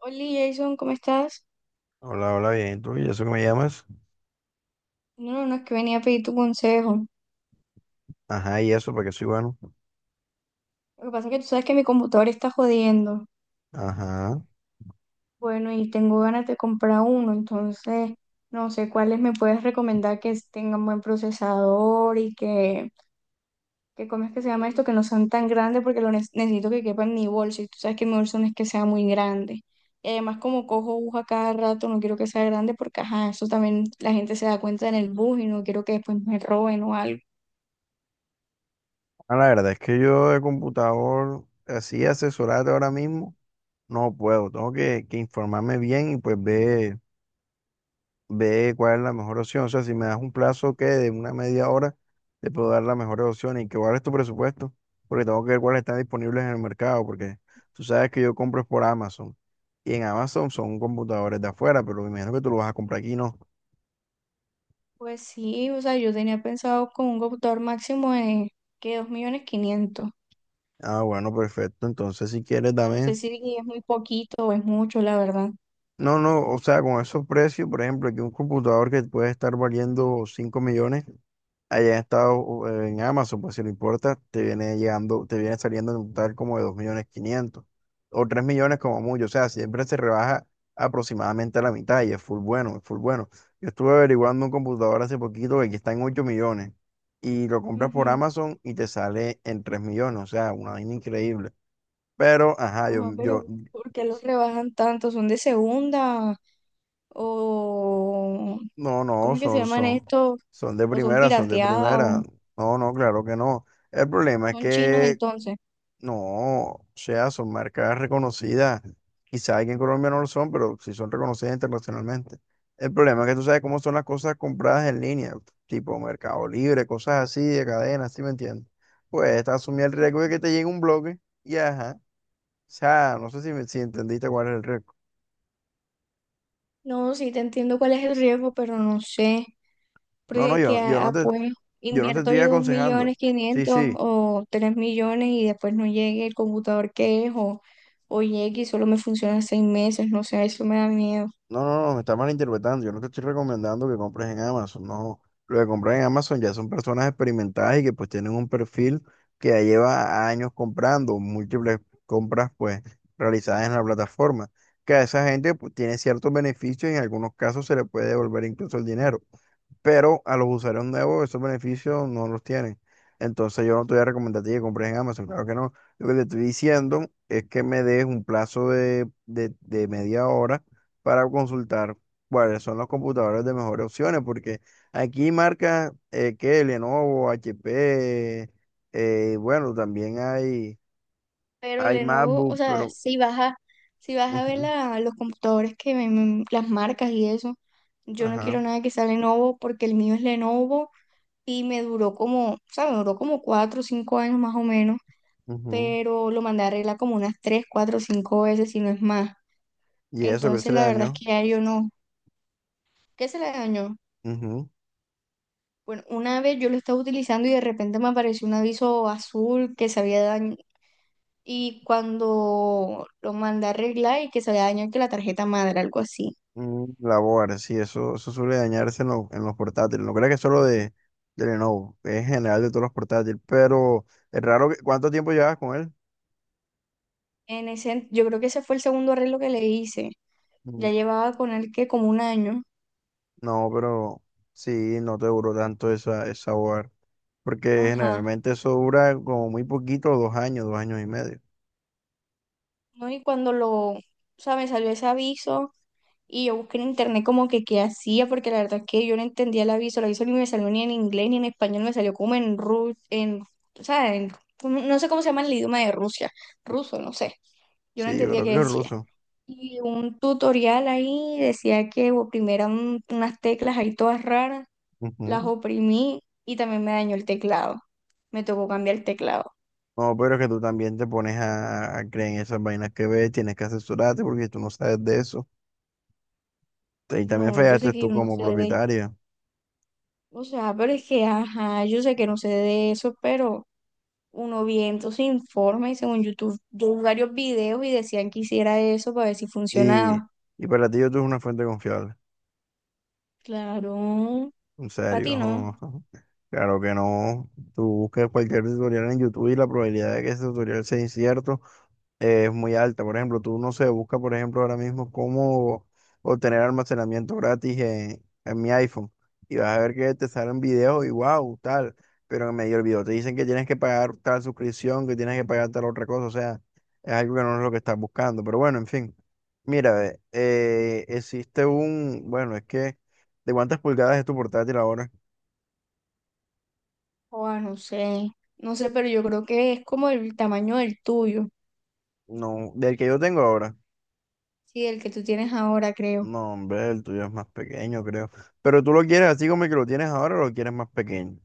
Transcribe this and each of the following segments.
Hola Jason, ¿cómo estás? Hola, hola, bien, ¿tú? ¿Y eso que me llamas? No, no, no, es que venía a pedir tu consejo. Ajá, y eso, porque soy bueno. Lo que pasa es que tú sabes que mi computador está jodiendo. Ajá. Bueno, y tengo ganas de comprar uno, entonces no sé cuáles me puedes recomendar que tengan buen procesador y que ¿cómo es que se llama esto? Que no sean tan grandes porque lo necesito que quepa en mi bolso. Y tú sabes que mi bolso no es que sea muy grande. Y además como cojo bus a cada rato, no quiero que sea grande porque, ajá, eso también la gente se da cuenta en el bus y no quiero que después me roben o algo. Ah, la verdad es que yo de computador, así asesorarte ahora mismo, no puedo. Tengo que informarme bien y pues ver cuál es la mejor opción. O sea, si me das un plazo que de una media hora, te puedo dar la mejor opción y que cuál es tu presupuesto, porque tengo que ver cuáles están disponibles en el mercado, porque tú sabes que yo compro es por Amazon. Y en Amazon son computadores de afuera, pero me imagino que tú lo vas a comprar aquí, ¿no? Pues sí, o sea, yo tenía pensado con un computador máximo de que 2.500.000. O Ah, bueno, perfecto. Entonces, si quieres, sea, no sé dame. si es muy poquito o es mucho, la verdad. No, no, o sea, con esos precios, por ejemplo, aquí un computador que puede estar valiendo 5 millones, allá en Estados, en Amazon, pues si lo importas, te viene llegando, te viene saliendo en un total como de 2.500.000 o 3 millones como mucho, o sea, siempre se rebaja aproximadamente a la mitad y es full bueno, es full bueno. Yo estuve averiguando un computador hace poquito que aquí está en 8 millones y lo compras por Ujú. Amazon y te sale en 3 millones, o sea, una vaina increíble. Pero, ajá, Ajá, pero ¿por qué los rebajan tanto? ¿Son de segunda? ¿O No, cómo no, es que se llaman estos? son de ¿O son primera, son de pirateados? primera. No, no, claro que no. El problema es ¿Son chinos que entonces? no, o sea, son marcas reconocidas. Quizá aquí en Colombia no lo son, pero sí son reconocidas internacionalmente. El problema es que tú sabes cómo son las cosas compradas en línea, tipo Mercado Libre, cosas así de cadenas, ¿sí me entiendes? Pues te asumí el Sí. riesgo de que te llegue un bloque y ajá. O sea, no sé si, si entendiste cuál es el riesgo. No, sí te entiendo cuál es el riesgo, pero no sé. No, no, Porque que, ah, pues yo no te invierto estoy yo dos millones aconsejando. Sí, quinientos sí. o tres millones y después no llegue el computador que es o llegue y solo me funciona 6 meses, no sé, eso me da miedo. No, no, no, me está malinterpretando. Yo no te estoy recomendando que compres en Amazon, no. No. Lo que compras en Amazon ya son personas experimentadas y que pues tienen un perfil que ya lleva años comprando, múltiples compras pues realizadas en la plataforma. Que a esa gente pues tiene ciertos beneficios y en algunos casos se le puede devolver incluso el dinero, pero a los usuarios nuevos esos beneficios no los tienen. Entonces yo no te voy a recomendar a ti que compres en Amazon, claro que no. Lo que te estoy diciendo es que me des un plazo de media hora para consultar cuáles son los computadores de mejores opciones, porque aquí marcas que Lenovo, HP, bueno, también Pero hay Lenovo, o MacBook, sea, pero. si vas a ver Ujú. Los computadores que ven, las marcas y eso, yo no quiero Ajá. nada que sea Lenovo porque el mío es Lenovo y me duró como, o sea, me duró como 4 o 5 años más o menos, Ujú. pero lo mandé a arreglar como unas 3, 4, 5 veces, si no es más. Y eso que se Entonces, le la verdad es dañó. que ya yo no. ¿Qué se le dañó? Ujú. Bueno, una vez yo lo estaba utilizando y de repente me apareció un aviso azul que se había dañado. Y cuando lo mandé a arreglar y que se había dañado que la tarjeta madre, algo así. La board, sí, eso suele dañarse en, en los portátiles. No creo que es solo de Lenovo, es en general de todos los portátiles. Pero es raro que, ¿cuánto tiempo llevas con él? En ese, yo creo que ese fue el segundo arreglo que le hice. Mm, Ya llevaba con él que como un año. No, pero sí, no te duró tanto esa board. Porque Ajá. generalmente eso dura como muy poquito, 2 años, 2 años y medio. No, y cuando lo, o sea, me salió ese aviso. Y yo busqué en internet como que qué hacía, porque la verdad es que yo no entendía el aviso ni me salió ni en inglés ni en español, me salió como en ruso, en, o sea, no sé cómo se llama el idioma de Rusia, ruso, no sé, yo no Sí, yo entendía creo qué que es decía. ruso. Y un tutorial ahí decía que oprimiera eran unas teclas ahí todas raras, las Ujú. oprimí y también me dañó el teclado, me tocó cambiar el teclado. No, pero es que tú también te pones a creer en esas vainas que ves, tienes que asesorarte porque tú no sabes de eso. Y también No, yo sé fallaste que tú yo no como sé de, propietario. o sea, pero es que, ajá, yo sé que no sé de eso, pero uno viendo se informa y según YouTube, yo vi varios videos y decían que hiciera eso para ver si Y, funcionaba. y para ti YouTube es una fuente confiable. Claro, En para serio. ti Ajá, no. ajá. Claro que no. Tú buscas cualquier tutorial en YouTube y la probabilidad de que ese tutorial sea incierto, es muy alta. Por ejemplo, tú no sé, busca, por ejemplo, ahora mismo cómo obtener almacenamiento gratis en mi iPhone y vas a ver que te salen videos y wow, tal, pero en medio del video te dicen que tienes que pagar tal suscripción, que tienes que pagar tal otra cosa, o sea, es algo que no es lo que estás buscando, pero bueno, en fin. Mira, ve, existe un, bueno, es que, ¿de cuántas pulgadas es tu portátil ahora? O no sé, no sé, pero yo creo que es como el tamaño del tuyo, No, del que yo tengo ahora. sí, el que tú tienes ahora, creo, No, hombre, el tuyo es más pequeño, creo. Pero tú lo quieres así como el que lo tienes ahora o lo quieres más pequeño.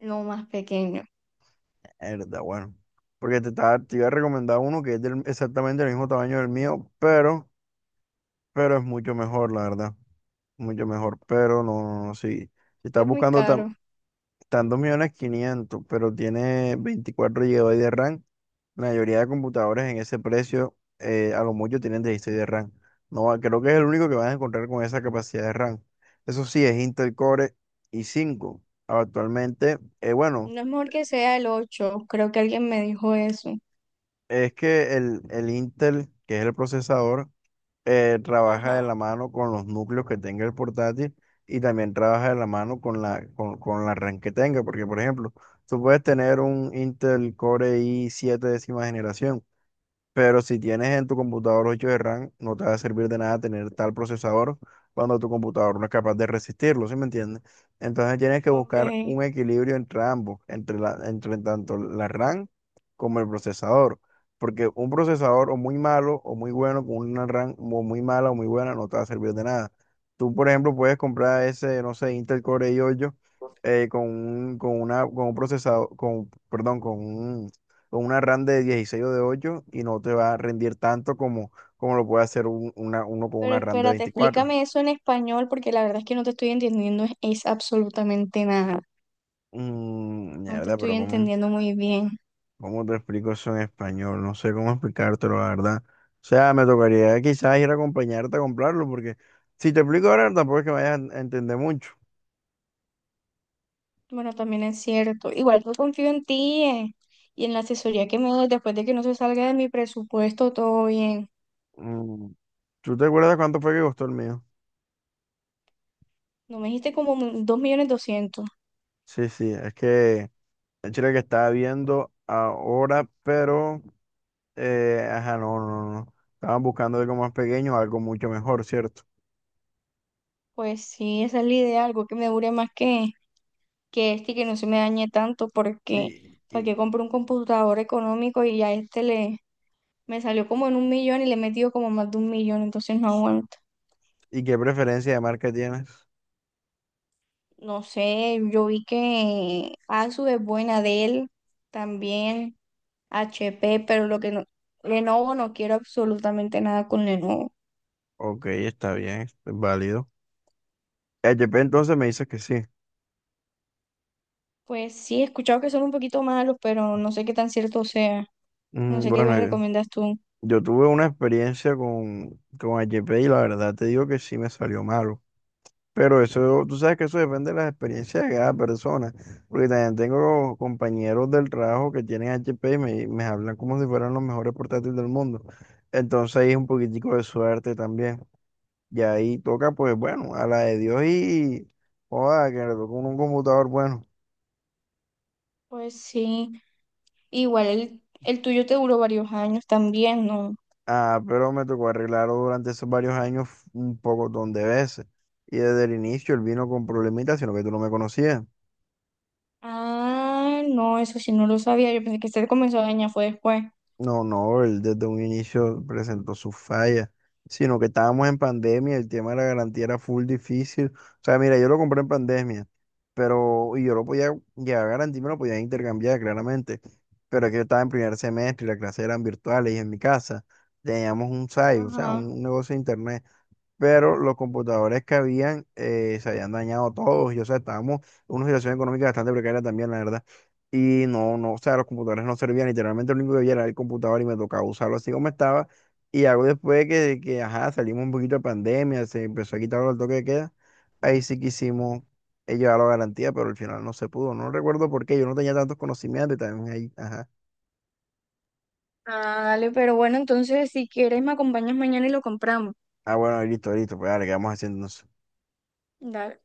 no más pequeño. Verdad, bueno. Porque te iba a recomendar uno que es exactamente el mismo tamaño del mío, pero es mucho mejor, la verdad. Mucho mejor. Pero no, no, no, sí. Si Y estás es muy buscando tan, caro. tan 2.500.000, pero tiene 24 GB de RAM. La mayoría de computadores en ese precio, a lo mucho tienen 16 de RAM. No, creo que es el único que vas a encontrar con esa capacidad de RAM. Eso sí, es Intel Core i5. Actualmente, bueno, No es mejor que sea el 8 creo que alguien me dijo eso. es que el Intel, que es el procesador, trabaja de Ajá, la mano con los núcleos que tenga el portátil y también trabaja de la mano con con la RAM que tenga. Porque, por ejemplo, tú puedes tener un Intel Core i7 décima generación. Pero si tienes en tu computador 8 de RAM, no te va a servir de nada tener tal procesador cuando tu computador no es capaz de resistirlo, ¿sí me entiendes? Entonces tienes que ok. buscar un equilibrio entre ambos, entre entre tanto la RAM como el procesador. Porque un procesador o muy malo o muy bueno con una RAM o muy mala o muy buena no te va a servir de nada. Tú, por ejemplo, puedes comprar ese, no sé, Intel Core i8, con un procesador, perdón, con una RAM de 16 o de 8 y no te va a rendir tanto como lo puede hacer uno con Pero una RAM de espérate, 24. explícame eso en español porque la verdad es que no te estoy entendiendo es absolutamente nada. No te Mierda, estoy pero entendiendo muy bien. cómo te explico eso en español? No sé cómo explicártelo, la verdad. O sea, me tocaría quizás ir a acompañarte a comprarlo, porque si te explico ahora, tampoco es que vayas a entender mucho. Bueno, también es cierto. Igual yo confío en ti, y en la asesoría que me des después de que no se salga de mi presupuesto, todo bien. Mm, ¿Tú te acuerdas cuánto fue que costó el mío? No me dijiste como 2.200.000. Sí, sí, es que el chile que estaba viendo ahora, pero. Ajá, no, no, no. Estaban buscando algo más pequeño, algo mucho mejor, ¿cierto? Pues sí, esa es la idea, algo que me dure más que este y que no se me dañe tanto, porque ¿Y, para que y, compro un computador económico y ya este le me salió como en un millón y le he metido como más de un millón, entonces no aguanto. y qué preferencia de marca tienes? No sé, yo vi que ASUS es buena de él también. HP, pero lo que no, Lenovo no quiero absolutamente nada con Lenovo. Ok, está bien, es válido. HP entonces me dices que sí. Pues sí, he escuchado que son un poquito malos, pero no sé qué tan cierto sea. No Mm, sé qué bueno, me eh, recomiendas tú. yo tuve una experiencia con HP y la verdad te digo que sí me salió malo. Pero eso, tú sabes que eso depende de las experiencias de cada persona. Porque también tengo compañeros del trabajo que tienen HP y me hablan como si fueran los mejores portátiles del mundo. Entonces ahí es un poquitico de suerte también. Y ahí toca, pues bueno, a la de Dios y joda, que le tocó un computador bueno. Pues sí, igual el tuyo te duró varios años también, ¿no? Ah, pero me tocó arreglarlo durante esos varios años un poco de veces. Y desde el inicio él vino con problemitas, sino que tú no me conocías. Ah, no, eso sí no lo sabía. Yo pensé que se comenzó a dañar fue después. No, no, él desde un inicio presentó sus fallas, sino que estábamos en pandemia, el tema de la garantía era full difícil. O sea, mira, yo lo compré en pandemia, pero y yo lo podía, ya garantía me lo podía intercambiar claramente, pero es que yo estaba en primer semestre y las clases eran virtuales y en mi casa teníamos un site, o Ajá. sea, un negocio de internet, pero los computadores que habían, se habían dañado todos y o sea, estábamos en una situación económica bastante precaria también, la verdad. Y no, no, o sea, los computadores no servían, literalmente lo único que había era el computador y me tocaba usarlo así como estaba. Y algo después que, ajá, salimos un poquito de pandemia, se empezó a quitar el toque de queda, ahí sí quisimos, llevarlo a garantía, pero al final no se pudo. No recuerdo por qué, yo no tenía tantos conocimientos y también ahí, ajá. Ah, dale, pero bueno, entonces si quieres me acompañas mañana y lo compramos. Ah, bueno, listo, listo, pues dale, ¿qué vamos haciendo? Dale.